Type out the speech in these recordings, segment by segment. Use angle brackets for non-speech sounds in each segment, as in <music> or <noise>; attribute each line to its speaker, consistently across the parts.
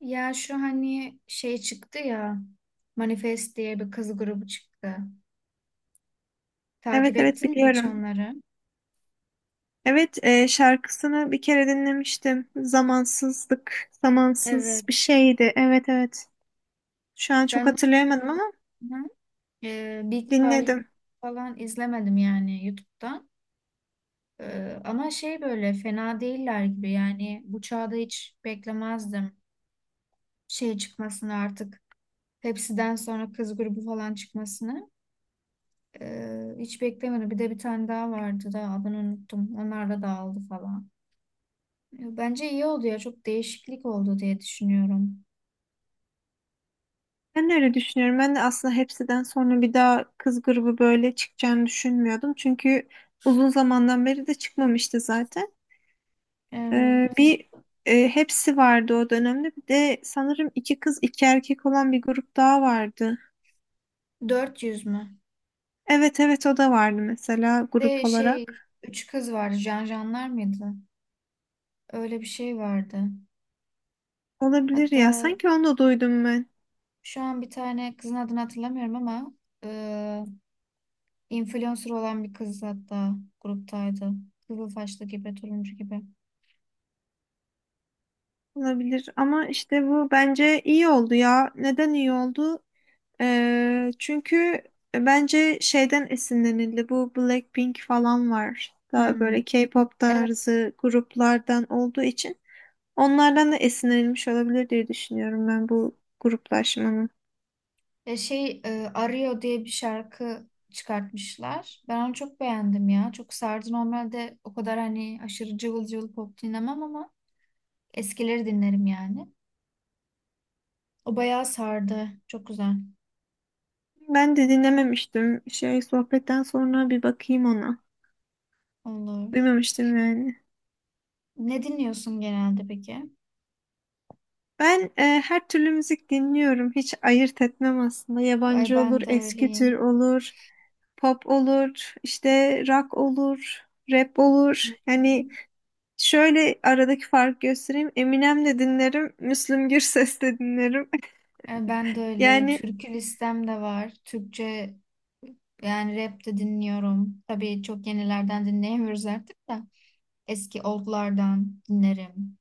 Speaker 1: Ya şu hani şey çıktı ya, Manifest diye bir kız grubu çıktı.
Speaker 2: Evet
Speaker 1: Takip
Speaker 2: evet
Speaker 1: ettin mi hiç
Speaker 2: biliyorum.
Speaker 1: onları?
Speaker 2: Evet şarkısını bir kere dinlemiştim. Zamansızlık, zamansız bir
Speaker 1: Evet.
Speaker 2: şeydi. Evet evet. Şu an çok
Speaker 1: Ben.
Speaker 2: hatırlayamadım ama
Speaker 1: Hı. Big Five
Speaker 2: dinledim.
Speaker 1: falan izlemedim yani YouTube'da. E, ama şey böyle fena değiller gibi, yani bu çağda hiç beklemezdim şey çıkmasını artık. Hepsiden sonra kız grubu falan çıkmasını. E, hiç beklemedim. Bir de bir tane daha vardı da adını unuttum. Onlar da dağıldı falan. Bence iyi oldu ya. Çok değişiklik oldu diye düşünüyorum.
Speaker 2: Ben de öyle düşünüyorum. Ben de aslında hepsiden sonra bir daha kız grubu böyle çıkacağını düşünmüyordum. Çünkü uzun zamandan beri de çıkmamıştı zaten. E,
Speaker 1: Evet.
Speaker 2: bir hepsi vardı o dönemde. Bir de sanırım iki kız iki erkek olan bir grup daha vardı.
Speaker 1: 400 mü?
Speaker 2: Evet evet o da vardı mesela
Speaker 1: De
Speaker 2: grup
Speaker 1: şey,
Speaker 2: olarak.
Speaker 1: üç kız vardı. Janjanlar mıydı? Öyle bir şey vardı.
Speaker 2: Olabilir ya.
Speaker 1: Hatta
Speaker 2: Sanki onu da duydum ben.
Speaker 1: şu an bir tane kızın adını hatırlamıyorum ama e, influencer olan bir kız hatta gruptaydı. Kızılsaçlı gibi, turuncu gibi.
Speaker 2: Olabilir ama işte bu bence iyi oldu ya. Neden iyi oldu? Çünkü bence şeyden esinlenildi. Bu Blackpink falan var. Daha
Speaker 1: Hmm.
Speaker 2: böyle K-pop
Speaker 1: Evet.
Speaker 2: tarzı gruplardan olduğu için onlardan da esinlenilmiş olabilir diye düşünüyorum ben bu gruplaşmanın.
Speaker 1: Arıyor diye bir şarkı çıkartmışlar. Ben onu çok beğendim ya. Çok sardı. Normalde o kadar hani aşırı cıvıl cıvıl pop dinlemem ama eskileri dinlerim yani. O bayağı sardı. Çok güzel.
Speaker 2: Ben de dinlememiştim. Şey sohbetten sonra bir bakayım ona.
Speaker 1: Olur.
Speaker 2: Duymamıştım yani.
Speaker 1: Ne dinliyorsun genelde peki?
Speaker 2: Ben her türlü müzik dinliyorum. Hiç ayırt etmem aslında.
Speaker 1: Ay
Speaker 2: Yabancı olur,
Speaker 1: ben de
Speaker 2: eski tür
Speaker 1: öyleyim.
Speaker 2: olur, pop olur, işte rock olur, rap
Speaker 1: Hı
Speaker 2: olur. Yani
Speaker 1: hı.
Speaker 2: şöyle aradaki farkı göstereyim. Eminem de dinlerim, Müslüm Gürses de dinlerim.
Speaker 1: Ay ben de
Speaker 2: <laughs>
Speaker 1: öyleyim.
Speaker 2: Yani
Speaker 1: Türkü listem de var. Türkçe yani rap de dinliyorum. Tabii çok yenilerden dinleyemiyoruz artık da. Eski oldlardan dinlerim.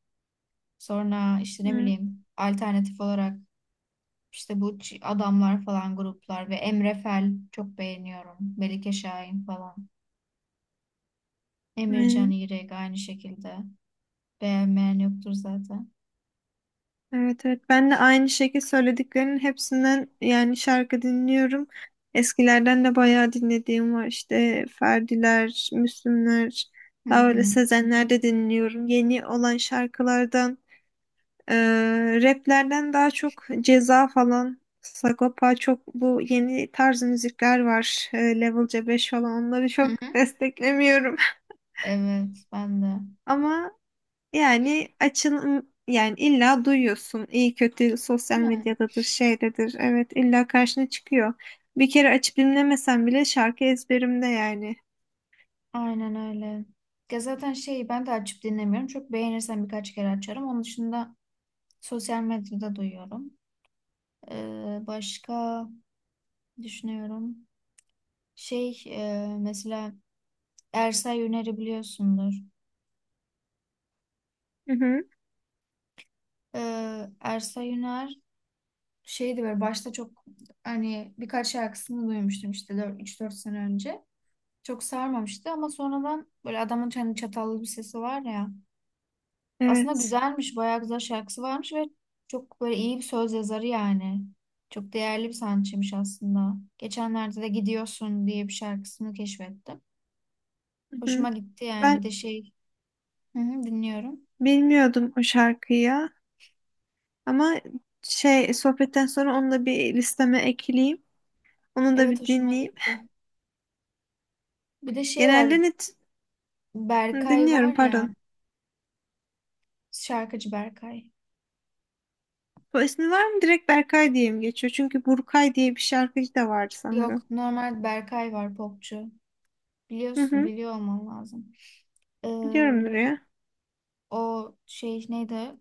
Speaker 1: Sonra işte ne
Speaker 2: evet,
Speaker 1: bileyim alternatif olarak işte adamlar falan gruplar ve Emre Fel çok beğeniyorum. Melike Şahin falan. Emircan
Speaker 2: aynen.
Speaker 1: İrek aynı şekilde. Beğenmeyen yoktur zaten.
Speaker 2: Evet evet ben de aynı şekilde söylediklerinin hepsinden yani şarkı dinliyorum. Eskilerden de bayağı dinlediğim var işte Ferdiler, Müslümler,
Speaker 1: Hı
Speaker 2: daha öyle
Speaker 1: hı.
Speaker 2: Sezenler de dinliyorum. Yeni olan şarkılardan, e, raplerden daha çok Ceza falan, Sagopa çok bu yeni tarz müzikler var. Level C5 falan onları
Speaker 1: Hı
Speaker 2: çok
Speaker 1: hı.
Speaker 2: desteklemiyorum.
Speaker 1: Evet ben de.
Speaker 2: <laughs> Ama yani açın yani illa duyuyorsun. İyi kötü sosyal
Speaker 1: Değil mi?
Speaker 2: medyadadır, şeydedir. Evet illa karşına çıkıyor. Bir kere açıp dinlemesen bile şarkı ezberimde yani.
Speaker 1: Aynen öyle. Ya zaten şeyi ben de açıp dinlemiyorum. Çok beğenirsem birkaç kere açarım. Onun dışında sosyal medyada duyuyorum. Başka düşünüyorum. Mesela Ersay Yüner'i biliyorsundur.
Speaker 2: Hı hı,
Speaker 1: Ersay Yüner şeydi böyle başta çok, hani birkaç şarkısını duymuştum işte 3 4 sene önce. Çok sarmamıştı ama sonradan böyle adamın hani çatallı bir sesi var ya. Aslında
Speaker 2: evet.
Speaker 1: güzelmiş, bayağı güzel şarkısı varmış ve çok böyle iyi bir söz yazarı yani. Çok değerli bir sanatçıymış aslında. Geçenlerde de Gidiyorsun diye bir şarkısını keşfettim.
Speaker 2: Hı hı.
Speaker 1: Hoşuma gitti yani,
Speaker 2: Ben
Speaker 1: bir de şey, hı hı, dinliyorum.
Speaker 2: bilmiyordum o şarkıyı ya, ama şey sohbetten sonra onu da bir listeme ekleyeyim. Onu da
Speaker 1: Evet,
Speaker 2: bir
Speaker 1: hoşuma
Speaker 2: dinleyeyim.
Speaker 1: gitti. Bir de şey var,
Speaker 2: Genelde net
Speaker 1: Berkay var
Speaker 2: dinliyorum,
Speaker 1: ya,
Speaker 2: pardon.
Speaker 1: şarkıcı Berkay.
Speaker 2: Bu ismi var mı? Direkt Berkay diye mi geçiyor? Çünkü Burkay diye bir şarkıcı da vardı sanırım.
Speaker 1: Yok, normal Berkay var, popçu.
Speaker 2: Hı
Speaker 1: Biliyorsun,
Speaker 2: hı.
Speaker 1: biliyor olman lazım.
Speaker 2: Biliyorumdur ya.
Speaker 1: O şey neydi?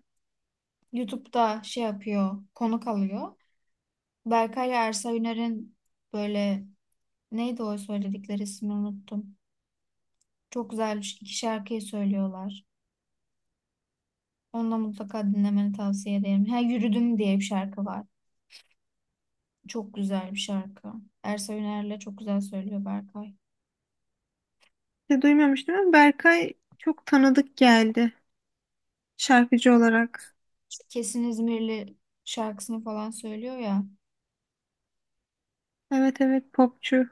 Speaker 1: YouTube'da şey yapıyor, konuk alıyor. Berkay Ersa Üner'in böyle, neydi o söyledikleri, ismini unuttum. Çok güzel iki şarkıyı söylüyorlar. Onu da mutlaka dinlemeni tavsiye ederim. Ha Yürüdüm diye bir şarkı var. Çok güzel bir şarkı. Ersa Üner'le çok güzel söylüyor Berkay.
Speaker 2: De duymamıştım ama Berkay çok tanıdık geldi şarkıcı olarak.
Speaker 1: İşte Kesin İzmirli şarkısını falan söylüyor ya.
Speaker 2: Evet evet popçu.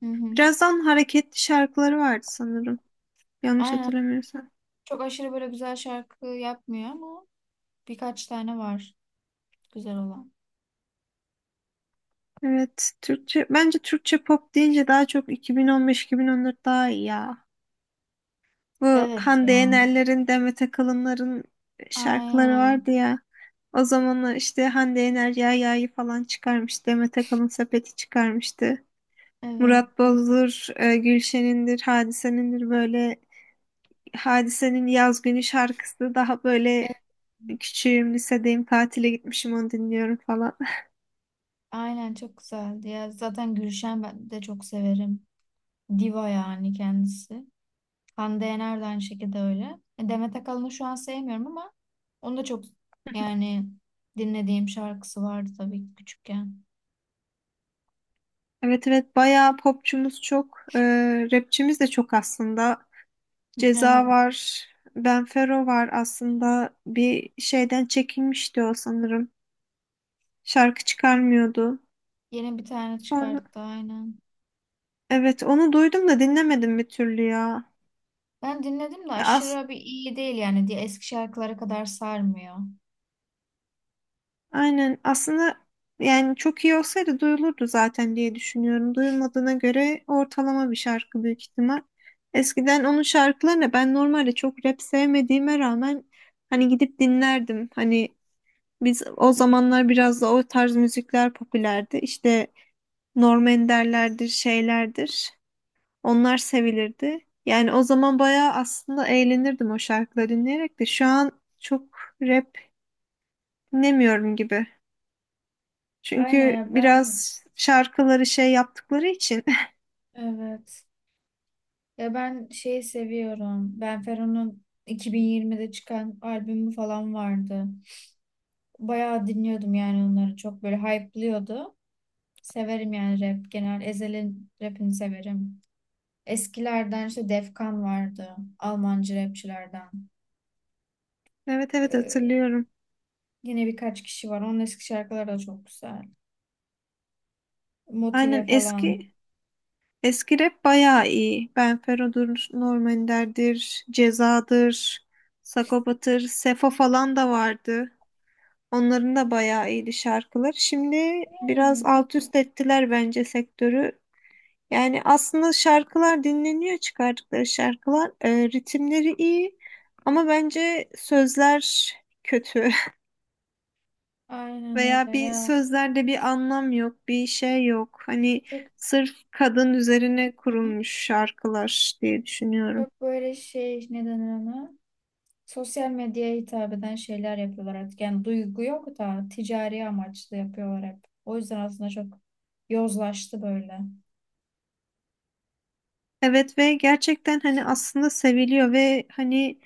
Speaker 1: Hı hı.
Speaker 2: Birazdan hareketli şarkıları vardı sanırım. Yanlış
Speaker 1: Aynen.
Speaker 2: hatırlamıyorsam.
Speaker 1: Çok aşırı böyle güzel şarkı yapmıyor ama birkaç tane var güzel olan.
Speaker 2: Evet, Türkçe bence Türkçe pop deyince daha çok 2015-2014 daha iyi ya. Bu
Speaker 1: Evet ya.
Speaker 2: Hande Yener'lerin, Demet Akalın'ların şarkıları
Speaker 1: Aynen.
Speaker 2: vardı ya. O zamanlar işte Hande Yener Yahya'yı falan çıkarmış. Demet Akalın sepeti çıkarmıştı.
Speaker 1: Evet.
Speaker 2: Murat Boz'dur, Gülşen'indir, Hadise'nindir, böyle Hadise'nin Yaz Günü şarkısı daha
Speaker 1: Evet.
Speaker 2: böyle küçüğüm lisedeyim tatile gitmişim onu dinliyorum falan. <laughs>
Speaker 1: Aynen çok güzeldi ya. Zaten Gülşen ben de çok severim. Diva yani kendisi. Hande Yener de aynı şekilde öyle. Demet Akalın'ı şu an sevmiyorum ama onu da çok, yani dinlediğim şarkısı vardı tabii ki küçükken.
Speaker 2: Evet evet bayağı popçumuz çok. Rapçimiz de çok aslında. Ceza
Speaker 1: Evet.
Speaker 2: var. Benfero var aslında. Bir şeyden çekinmişti o sanırım. Şarkı çıkarmıyordu.
Speaker 1: Yeni bir tane
Speaker 2: Sonra
Speaker 1: çıkarttı aynen.
Speaker 2: evet onu duydum da dinlemedim bir türlü ya.
Speaker 1: Ben dinledim de
Speaker 2: Ya as-
Speaker 1: aşırı bir iyi değil yani, diye eski şarkılara kadar sarmıyor.
Speaker 2: Aynen aslında yani çok iyi olsaydı duyulurdu zaten diye düşünüyorum. Duyulmadığına göre ortalama bir şarkı büyük ihtimal. Eskiden onun şarkılarını ben normalde çok rap sevmediğime rağmen hani gidip dinlerdim. Hani biz o zamanlar biraz da o tarz müzikler popülerdi. İşte Norm Ender'lerdir, şeylerdir. Onlar sevilirdi. Yani o zaman bayağı aslında eğlenirdim o şarkıları dinleyerek de şu an çok rap dinlemiyorum gibi.
Speaker 1: Aynen
Speaker 2: Çünkü
Speaker 1: ya ben
Speaker 2: biraz şarkıları şey yaptıkları için. <laughs>
Speaker 1: evet Ya ben şeyi seviyorum. Ben Fero'nun 2020'de çıkan albümü falan vardı. Bayağı dinliyordum yani onları. Çok böyle hype'lıyordu. Severim yani rap genel. Ezel'in rapini severim. Eskilerden işte Defkan vardı. Almancı rapçilerden.
Speaker 2: Evet evet
Speaker 1: Ee,
Speaker 2: hatırlıyorum.
Speaker 1: Yine birkaç kişi var. Onun eski şarkıları da çok güzel. Motive
Speaker 2: Aynen
Speaker 1: falan.
Speaker 2: eski eski rap bayağı iyi. Benfero'dur, Norm Ender'dir, Ceza'dır, Sagopa'dır, Sefo falan da vardı. Onların da bayağı iyiydi şarkılar. Şimdi biraz
Speaker 1: Yani
Speaker 2: alt üst ettiler bence sektörü. Yani aslında şarkılar dinleniyor çıkardıkları şarkılar. Ritimleri iyi ama bence sözler kötü. <laughs>
Speaker 1: aynen
Speaker 2: Veya
Speaker 1: öyle
Speaker 2: bir
Speaker 1: ya.
Speaker 2: sözlerde bir anlam yok, bir şey yok. Hani
Speaker 1: Çok,
Speaker 2: sırf kadın üzerine kurulmuş şarkılar diye düşünüyorum.
Speaker 1: böyle şey, ne denir ona? Sosyal medyaya hitap eden şeyler yapıyorlar artık. Yani duygu yok da ticari amaçlı yapıyorlar hep. O yüzden aslında çok yozlaştı böyle.
Speaker 2: Evet ve gerçekten hani aslında seviliyor ve hani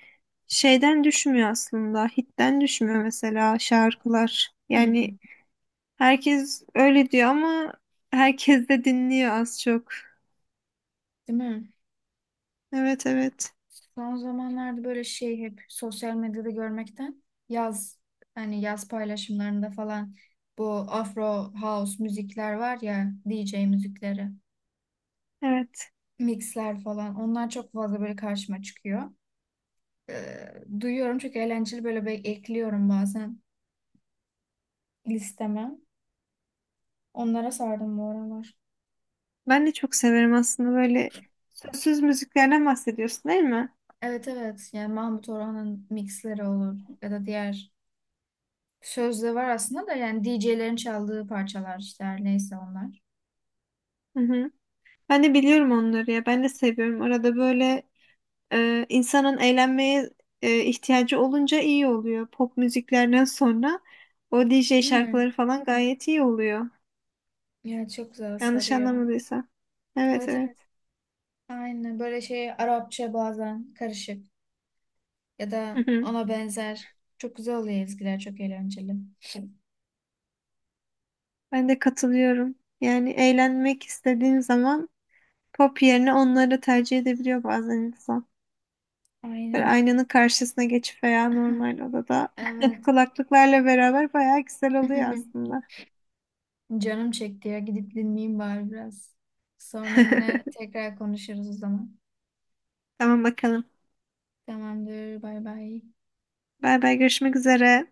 Speaker 2: şeyden düşmüyor aslında. Hitten düşmüyor mesela şarkılar.
Speaker 1: Hı
Speaker 2: Yani
Speaker 1: hı.
Speaker 2: herkes öyle diyor ama herkes de dinliyor az çok.
Speaker 1: Değil mi?
Speaker 2: Evet evet.
Speaker 1: Son zamanlarda böyle şey, hep sosyal medyada görmekten, yaz hani yaz paylaşımlarında falan, bu Afro House müzikler var ya, DJ müzikleri,
Speaker 2: Evet.
Speaker 1: mixler falan, onlar çok fazla böyle karşıma çıkıyor. Ee, Duyuyorum, çok eğlenceli, ekliyorum bazen listeme. Onlara sardım bu aralar.
Speaker 2: Ben de çok severim aslında böyle sözsüz müziklerden bahsediyorsun değil mi?
Speaker 1: Evet evet, yani Mahmut Orhan'ın mixleri olur ya da diğer, sözde var aslında da, yani DJ'lerin çaldığı parçalar işte, her neyse onlar.
Speaker 2: Hı hı. Ben de biliyorum onları ya. Ben de seviyorum. Arada böyle insanın eğlenmeye ihtiyacı olunca iyi oluyor. Pop müziklerden sonra o DJ
Speaker 1: Değil mi?
Speaker 2: şarkıları falan gayet iyi oluyor.
Speaker 1: Ya çok güzel
Speaker 2: Yanlış
Speaker 1: sarıyor.
Speaker 2: anlamadıysam. Evet
Speaker 1: Evet
Speaker 2: evet.
Speaker 1: evet, aynı böyle şey, Arapça bazen karışık ya
Speaker 2: Hı
Speaker 1: da
Speaker 2: hı.
Speaker 1: ona benzer, çok güzel oluyor ezgiler, çok eğlenceli.
Speaker 2: Ben de katılıyorum. Yani eğlenmek istediğin zaman pop yerine onları tercih edebiliyor bazen insan. Böyle
Speaker 1: Aynen.
Speaker 2: aynanın karşısına geçip veya
Speaker 1: <laughs>
Speaker 2: normal odada <laughs>
Speaker 1: Evet.
Speaker 2: kulaklıklarla beraber bayağı güzel oluyor
Speaker 1: <laughs>
Speaker 2: aslında.
Speaker 1: Canım çekti ya, gidip dinleyeyim bari biraz. Sonra yine
Speaker 2: <laughs>
Speaker 1: tekrar konuşuruz o zaman.
Speaker 2: Tamam bakalım.
Speaker 1: Tamamdır, bay bay.
Speaker 2: Bay bay, görüşmek üzere.